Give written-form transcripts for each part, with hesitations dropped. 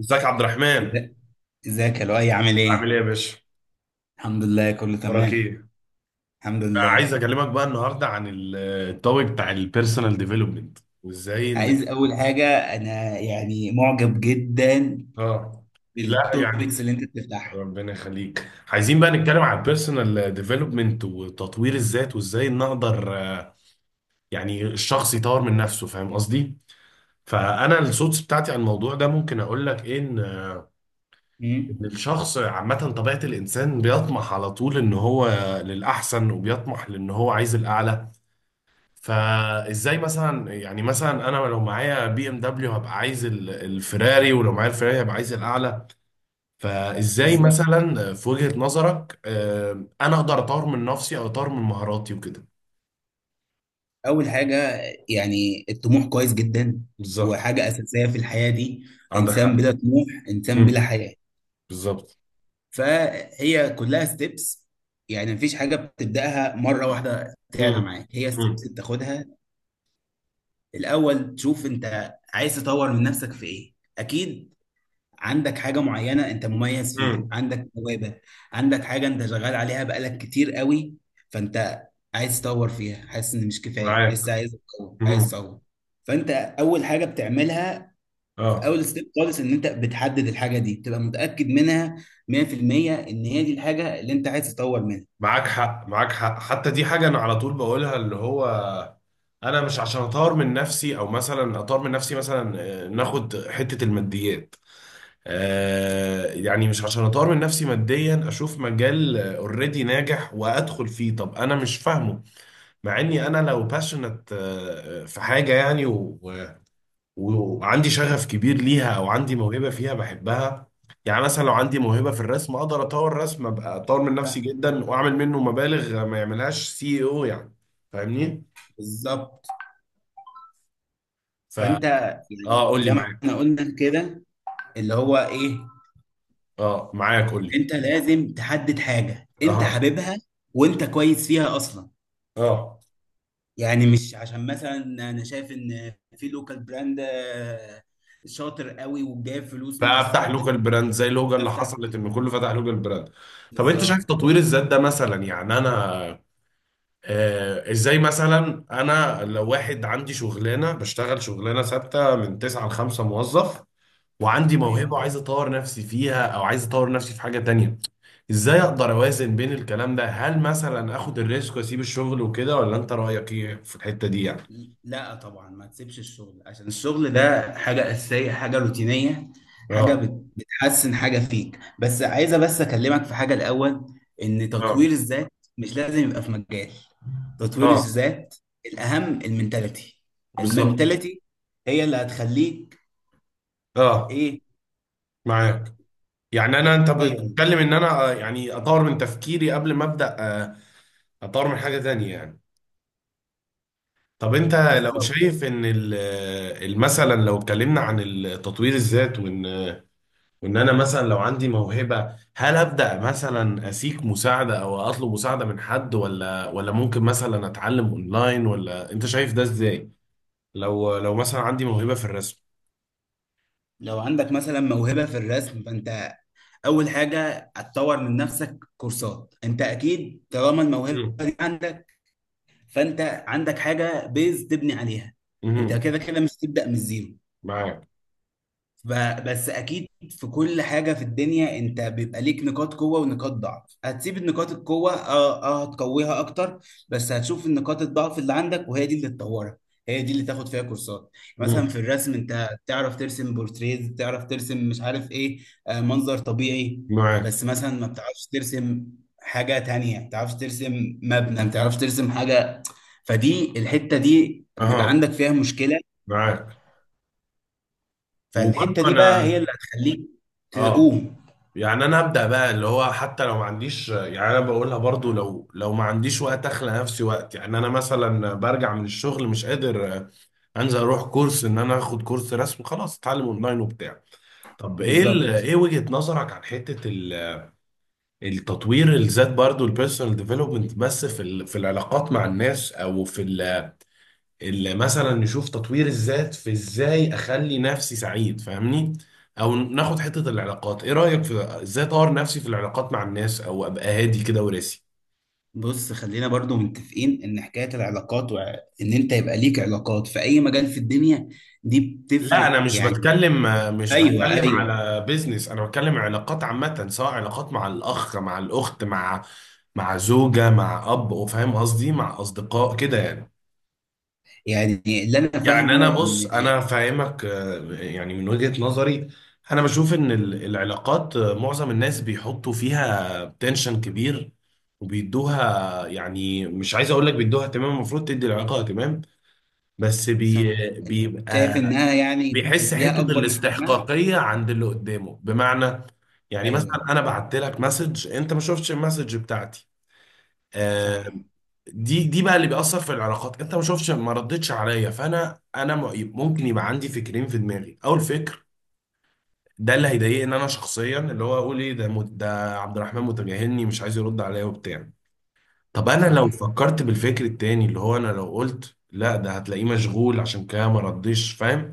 ازيك يا عبد الرحمن؟ إزا- ازيك يا لؤي؟ عامل عامل ايه؟ ايه يا باشا؟ الحمد لله، كله وراك تمام. ايه؟ الحمد بقى عايز لله. اكلمك بقى النهارده عن التوبيك بتاع البيرسونال ديفلوبمنت وازاي ان. عايز اول حاجة، انا يعني معجب جدا اه. لا، بالتوبكس يعني اللي انت بتفتحها. ربنا يخليك، عايزين بقى نتكلم عن البيرسونال ديفلوبمنت وتطوير الذات وازاي نقدر، يعني الشخص يطور من نفسه. فاهم قصدي؟ فانا السودس بتاعتي عن الموضوع ده ممكن اقول لك ايه، ان أمم، إن الشخص عامه، طبيعه الانسان بيطمح على طول ان هو للاحسن، وبيطمح لان هو عايز الاعلى. فازاي مثلا، يعني مثلا انا لو معايا بي ام دبليو هبقى عايز الفيراري، ولو معايا الفيراري هبقى عايز الاعلى. فازاي بالظبط. مثلا في وجهة نظرك، انا اقدر اطور من نفسي او اطور من مهاراتي وكده؟ اول حاجة، يعني الطموح كويس جدا، بالظبط. وحاجة اساسية في الحياة دي. عندك انسان حق. بلا طموح انسان بلا مم. حياة. بالظبط. فهي كلها ستيبس، يعني مفيش حاجة بتبدأها مرة واحدة تعلى مم. معاك، هي ستيبس مم. بتاخدها. الاول تشوف انت عايز تطور من نفسك في ايه. اكيد عندك حاجة معينة أنت مميز فيها، مم. عندك موهبة، عندك حاجة أنت شغال عليها بقالك كتير قوي، فأنت عايز تطور فيها، حاسس إن مش كفاية معاك. لسه، عايز تطور عايز مم. تطور. فأنت أول حاجة بتعملها في اه. أول ستيب خالص إن أنت بتحدد الحاجة دي، بتبقى متأكد منها 100% إن هي دي الحاجة اللي أنت عايز تطور منها. معاك حق، معاك حق، حتى دي حاجة انا على طول بقولها، اللي هو انا مش عشان اطور من نفسي، او مثلا اطور من نفسي مثلا، ناخد حتة الماديات. يعني مش عشان اطور من نفسي ماديا اشوف مجال اوريدي ناجح وادخل فيه. طب انا مش فاهمه، مع اني انا لو باشنت في حاجه، يعني وعندي شغف كبير ليها، او عندي موهبه فيها بحبها. يعني مثلا لو عندي موهبه في الرسم اقدر اطور رسم، ابقى اطور من صح، نفسي جدا واعمل منه مبالغ ما يعملهاش سي او، يعني فاهمني؟ بالظبط. فا فانت يعني اه، قول لي زي ما معاك. احنا قلنا كده، اللي هو ايه، اه معاك، قول لي. انت لازم تحدد حاجه انت اه. حاببها وانت كويس فيها اصلا. اه. يعني مش عشان مثلا انا شايف ان في لوكال براند شاطر قوي وجايب فلوس فافتح مكسره الدنيا، لوكال براند زي اللوجا اللي افتح. حصلت، ان كله فتح لوكال براند. طب انت شايف بالظبط. تطوير الذات ده مثلا، يعني انا ازاي مثلا، انا لو واحد عندي شغلانه، بشتغل شغلانه ثابته من 9 ل 5، موظف وعندي موهبه ايوه، وعايز اطور نفسي فيها، او عايز اطور نفسي في حاجه تانية، ازاي اقدر اوازن بين الكلام ده؟ هل مثلا اخد الريسك واسيب الشغل وكده، ولا انت رايك ايه في الحته دي يعني؟ لا طبعا ما تسيبش الشغل، عشان الشغل ده حاجه اساسيه، حاجه روتينيه، حاجه اه. بتحسن حاجه فيك، بس عايزه بس اكلمك في حاجه الاول، ان اه. تطوير الذات مش لازم يبقى في مجال. تطوير اه الذات الاهم المنتاليتي. بالظبط. المنتاليتي هي اللي هتخليك اه ايه. معاك. يعني انا، انت ايوه، بتتكلم ان انا، يعني اطور من تفكيري قبل ما ابدا، اطور من حاجه تانية يعني. طب انت لو بالظبط. شايف ان مثلا لو اتكلمنا عن التطوير الذات، وان وان انا مثلا لو عندي موهبه، هل ابدا مثلا اسيك مساعده او اطلب مساعده من حد، ولا ممكن مثلا اتعلم اونلاين، ولا انت شايف ده ازاي؟ لو مثلا عندي موهبه في الرسم. لو عندك مثلا موهبة في الرسم، فأنت أول حاجة هتطور من نفسك كورسات، أنت أكيد طالما الموهبة مم. دي عندك، فأنت عندك حاجة بيز تبني عليها، أنت مم. كده كده مش تبدأ من الزيرو. معاك. بس اكيد في كل حاجه في الدنيا انت بيبقى ليك نقاط قوه ونقاط ضعف. هتسيب النقاط القوه، اه اه، هتقويها اكتر، بس هتشوف النقاط الضعف اللي عندك وهي دي اللي تطورها، هي دي اللي تاخد فيها كورسات. مثلا مم. في الرسم انت تعرف ترسم بورتريز، تعرف ترسم مش عارف ايه، آه، منظر طبيعي، معاك. بس مثلا ما بتعرفش ترسم حاجه تانية، ما بتعرفش ترسم مبنى، ما بتعرفش ترسم حاجه. فدي الحته دي بيبقى اها. عندك فيها مشكله. معاك. فالحتة وبرضه دي انا، بقى هي اللي هتخليك اه، تقوم. يعني انا ابدا بقى، اللي هو حتى لو ما عنديش، يعني انا بقولها برضو، لو ما عنديش وقت اخلق نفسي وقت. يعني انا مثلا برجع من الشغل مش قادر انزل اروح كورس، ان انا اخد كورس رسم، خلاص اتعلم اونلاين وبتاع. طب ايه بالظبط. ايه وجهة نظرك عن حتة التطوير الذات برضو، البيرسونال ديفلوبمنت، بس في في العلاقات مع الناس، او في اللي مثلا نشوف تطوير الذات في ازاي اخلي نفسي سعيد، فاهمني؟ او ناخد حتة العلاقات، ايه رأيك في ازاي اطور نفسي في العلاقات مع الناس، او ابقى هادي كده وراسي؟ بص، خلينا برضو متفقين ان حكاية العلاقات، وان انت يبقى ليك علاقات في اي مجال في الدنيا، دي لا، انا بتفرق مش يعني. بتكلم، مش ايوه بتكلم ايوه. على بيزنس، انا بتكلم علاقات عامة، سواء علاقات مع الاخ، مع الاخت، مع زوجة، مع اب، فاهم قصدي؟ مع اصدقاء كده يعني. يعني اللي انا يعني انا فاهمه بص، ان، انا فاهمك، يعني من وجهة نظري انا بشوف ان العلاقات، معظم الناس بيحطوا فيها تنشن كبير، وبيدوها يعني مش عايز اقول لك، بيدوها اهتمام، المفروض تدي العلاقة اهتمام، بس صح، شايف بيبقى انها يعني بيحس حتة بتديها اكبر من حجمها. الاستحقاقية عند اللي قدامه. بمعنى، يعني ايوه، مثلا انا بعت لك مسج، انت ما شفتش المسج بتاعتي، آه، صح. دي بقى اللي بيأثر في العلاقات. انت ما شفتش ما ردتش عليا، فانا ممكن يبقى عندي فكرين في دماغي. اول فكر ده اللي هيضايقني انا شخصيا، اللي هو اقول ايه ده، ده عبد الرحمن متجاهلني مش عايز يرد عليا وبتاع. طب انا صح، لو فكرت بالفكر التاني، اللي هو انا لو قلت لا ده هتلاقيه مشغول عشان كده ما ردش، فاهم؟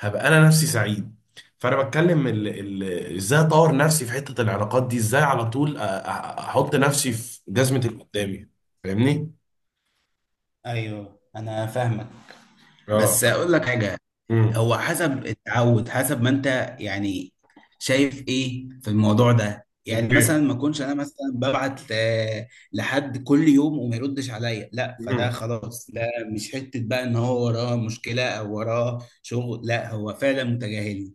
هبقى انا نفسي سعيد. فانا بتكلم ازاي اطور نفسي في حتة العلاقات دي، ازاي على طول احط نفسي في جزمة اللي قدامي. فاهمني؟ ايوه انا فاهمك، بس اه. اقول لك حاجة. امم. هو حسب التعود، حسب ما انت يعني شايف ايه في الموضوع ده. يعني اوكي. مثلا ما اكونش انا مثلا ببعت لحد كل يوم وما يردش عليا، لا فده امم. خلاص، ده مش حتة بقى ان هو وراه مشكلة او وراه شغل، لا هو فعلا متجاهلني.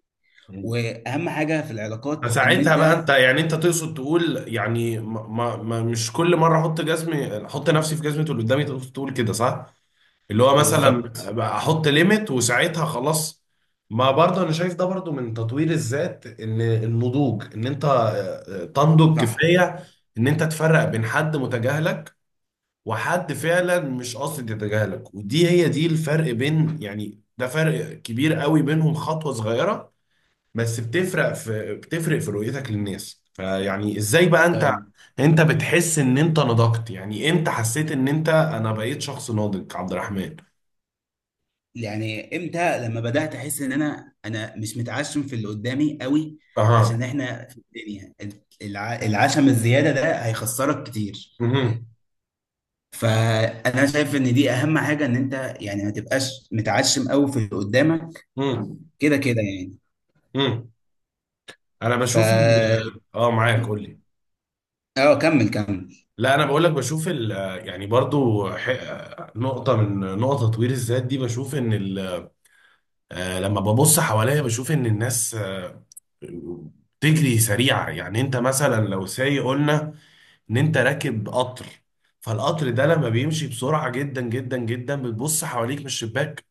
أمم. واهم حاجة في العلاقات ان فساعتها بقى انت، انت، يعني انت تقصد تقول يعني مش كل مره احط جزمه، احط نفسي في جزمه اللي قدامي، تقصد تقول كده صح؟ اللي هو مثلا بالظبط. بقى، احط ليميت وساعتها خلاص، ما برضه انا شايف ده برضه من تطوير الذات، ان النضوج، ان انت، تنضج صح، كفايه، ان انت تفرق بين حد متجاهلك وحد فعلا مش قاصد يتجاهلك، ودي هي دي الفرق بين، يعني ده فرق كبير قوي بينهم، خطوة صغيرة بس بتفرق في رؤيتك للناس. فيعني ازاي بقى انت تمام. انت بتحس ان انت نضجت؟ يعني امتى حسيت ان انا بقيت شخص ناضج عبد الرحمن؟ يعني امتى؟ لما بدات احس ان انا انا مش متعشم في اللي قدامي قوي، عشان اها. احنا في الدنيا العشم الزياده ده هيخسرك كتير. مهم. فانا شايف ان دي اهم حاجه، ان انت يعني ما تبقاش متعشم قوي في اللي قدامك، مم. كده كده يعني. مم. انا ف بشوف اه، معاك، قول لي. اه كمل كمل. لا، انا بقول لك، بشوف يعني برضو نقطة من نقطة تطوير الذات دي، بشوف ان لما ببص حواليا بشوف ان الناس، بتجري سريعة. يعني انت مثلا لو سايق، قلنا ان انت راكب قطر، فالقطر ده لما بيمشي بسرعة جدا جدا جدا، بتبص حواليك من الشباك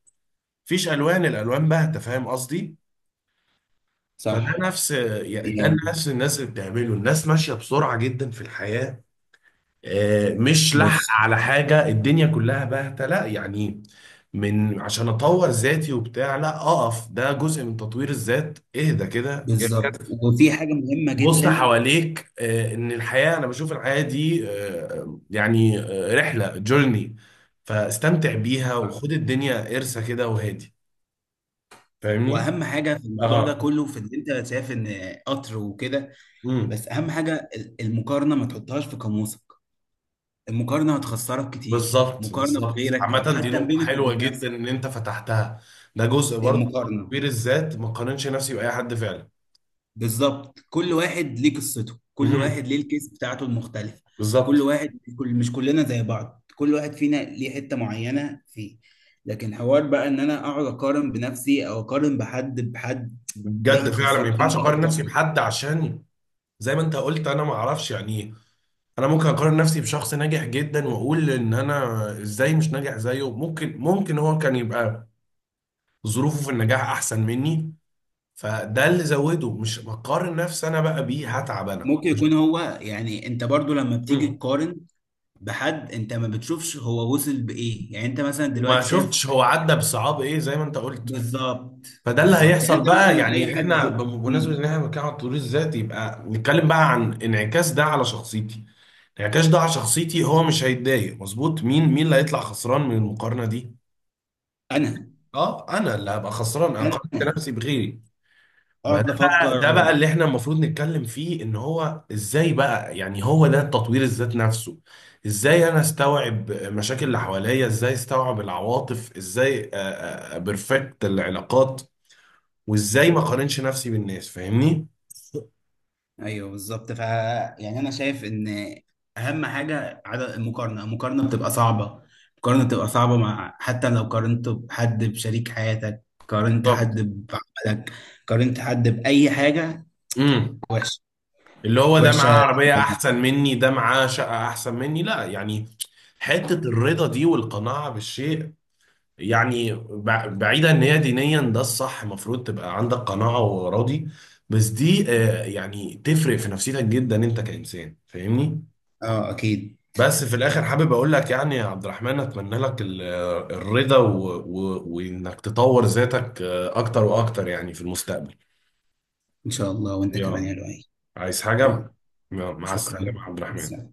مفيش الوان، الالوان باهتة، فاهم قصدي؟ فده صح نفس، يعني ده يعني، نفس الناس اللي بتعمله، الناس ماشية بسرعة جدا في الحياة، مش لحق بص. على حاجة، الدنيا كلها باهتة، لا يعني، من عشان اطور ذاتي وبتاع، لا، اقف، ده جزء من تطوير الذات، اهدى كده، بالظبط، اركز، وفي حاجه مهمه بص جدا. حواليك، ان الحياة، انا بشوف الحياة دي، يعني، رحلة جورني، فاستمتع بيها، نعم. وخد الدنيا قرصة كده، وهادي. فاهمني؟ واهم حاجه في الموضوع ده اه. كله في ان انت شايف ان قطر وكده، امم. بس اهم حاجه المقارنه، ما تحطهاش في قاموسك. المقارنه هتخسرك كتير، بالظبط. مقارنه بالظبط. بغيرك او عامة دي حتى نقطة بينك حلوة وبين جدا نفسك. ان انت فتحتها، ده جزء برضه من المقارنه، تطوير الذات، ما قارنش نفسي بأي حد فعلا. بالظبط. كل واحد ليه قصته، كل واحد مهم. ليه الكيس بتاعته المختلفه. كل بالظبط. واحد، كل، مش كلنا زي بعض، كل واحد فينا ليه حته معينه فيه. لكن حوار بقى ان انا اقعد اقارن بنفسي او اقارن بحد بحد، دي بجد فعلا ما هتخسرك ينفعش انت اقارن اكتر نفسي حاجه. بحد، عشان زي ما انت قلت، انا ما اعرفش يعني إيه. انا ممكن اقارن نفسي بشخص ناجح جدا واقول ان انا ازاي مش ناجح زيه. ممكن هو كان يبقى ظروفه في النجاح احسن مني، فده اللي زوده، مش بقارن نفسي انا بقى بيه هتعب انا. ممكن يكون هو، يعني انت برضو لما بتيجي مم. تقارن بحد، انت ما بتشوفش هو وصل بايه. يعني انت مثلا وما دلوقتي شايف، شفتش هو عدى بصعاب ايه، زي ما انت قلت. بالظبط فده اللي بالظبط. يعني هيحصل انت بقى، مثلا اي يعني احنا حد، بمناسبة ان مم. احنا بنتكلم عن التطوير الذاتي، يبقى نتكلم بقى عن انعكاس ده على شخصيتي. انعكاس ده على شخصيتي، هو مش هيتضايق مظبوط. مين مين اللي هيطلع خسران من المقارنه دي؟ انا اه، انا اللي هبقى خسران، انا انا قارنت نفسي بغيري. ما ده اقعد بقى افكر ده و... بقى اللي احنا المفروض نتكلم فيه، ان هو ازاي بقى، يعني هو ده تطوير الذات نفسه. ازاي انا استوعب مشاكل اللي حواليا، ازاي استوعب العواطف، ازاي بيرفكت العلاقات، وازاي ما اقارنش نفسي بالناس. فاهمني؟ ايوه بالظبط. ف يعني انا شايف ان اهم حاجه عدد المقارنه. المقارنه بتبقى صعبه، المقارنه بتبقى صعبه، مع حتى لو قارنت بحد، بشريك حياتك، قارنت حد بعملك، قارنت حد باي حاجه. بالظبط. وحشه، اللي هو ده معاه وحشه عربية جداً. أحسن مني، ده معاه شقة أحسن مني، لا يعني. حتة الرضا دي والقناعة بالشيء، يعني بعيدا، إن هي دينيا ده الصح، المفروض تبقى عندك قناعة وراضي. بس دي، يعني تفرق في نفسيتك جدا أنت كإنسان، فاهمني؟ اه اكيد. بس في الآخر حابب أقول لك، يعني يا عبد الرحمن، أتمنى لك الرضا وإنك تطور ذاتك، أكتر وأكتر، يعني في المستقبل. ان شاء الله، وانت كمان يلا، يا لؤي. عايز يلا، حاجة؟ مع السلامة شكرا. يا عبد الرحمن.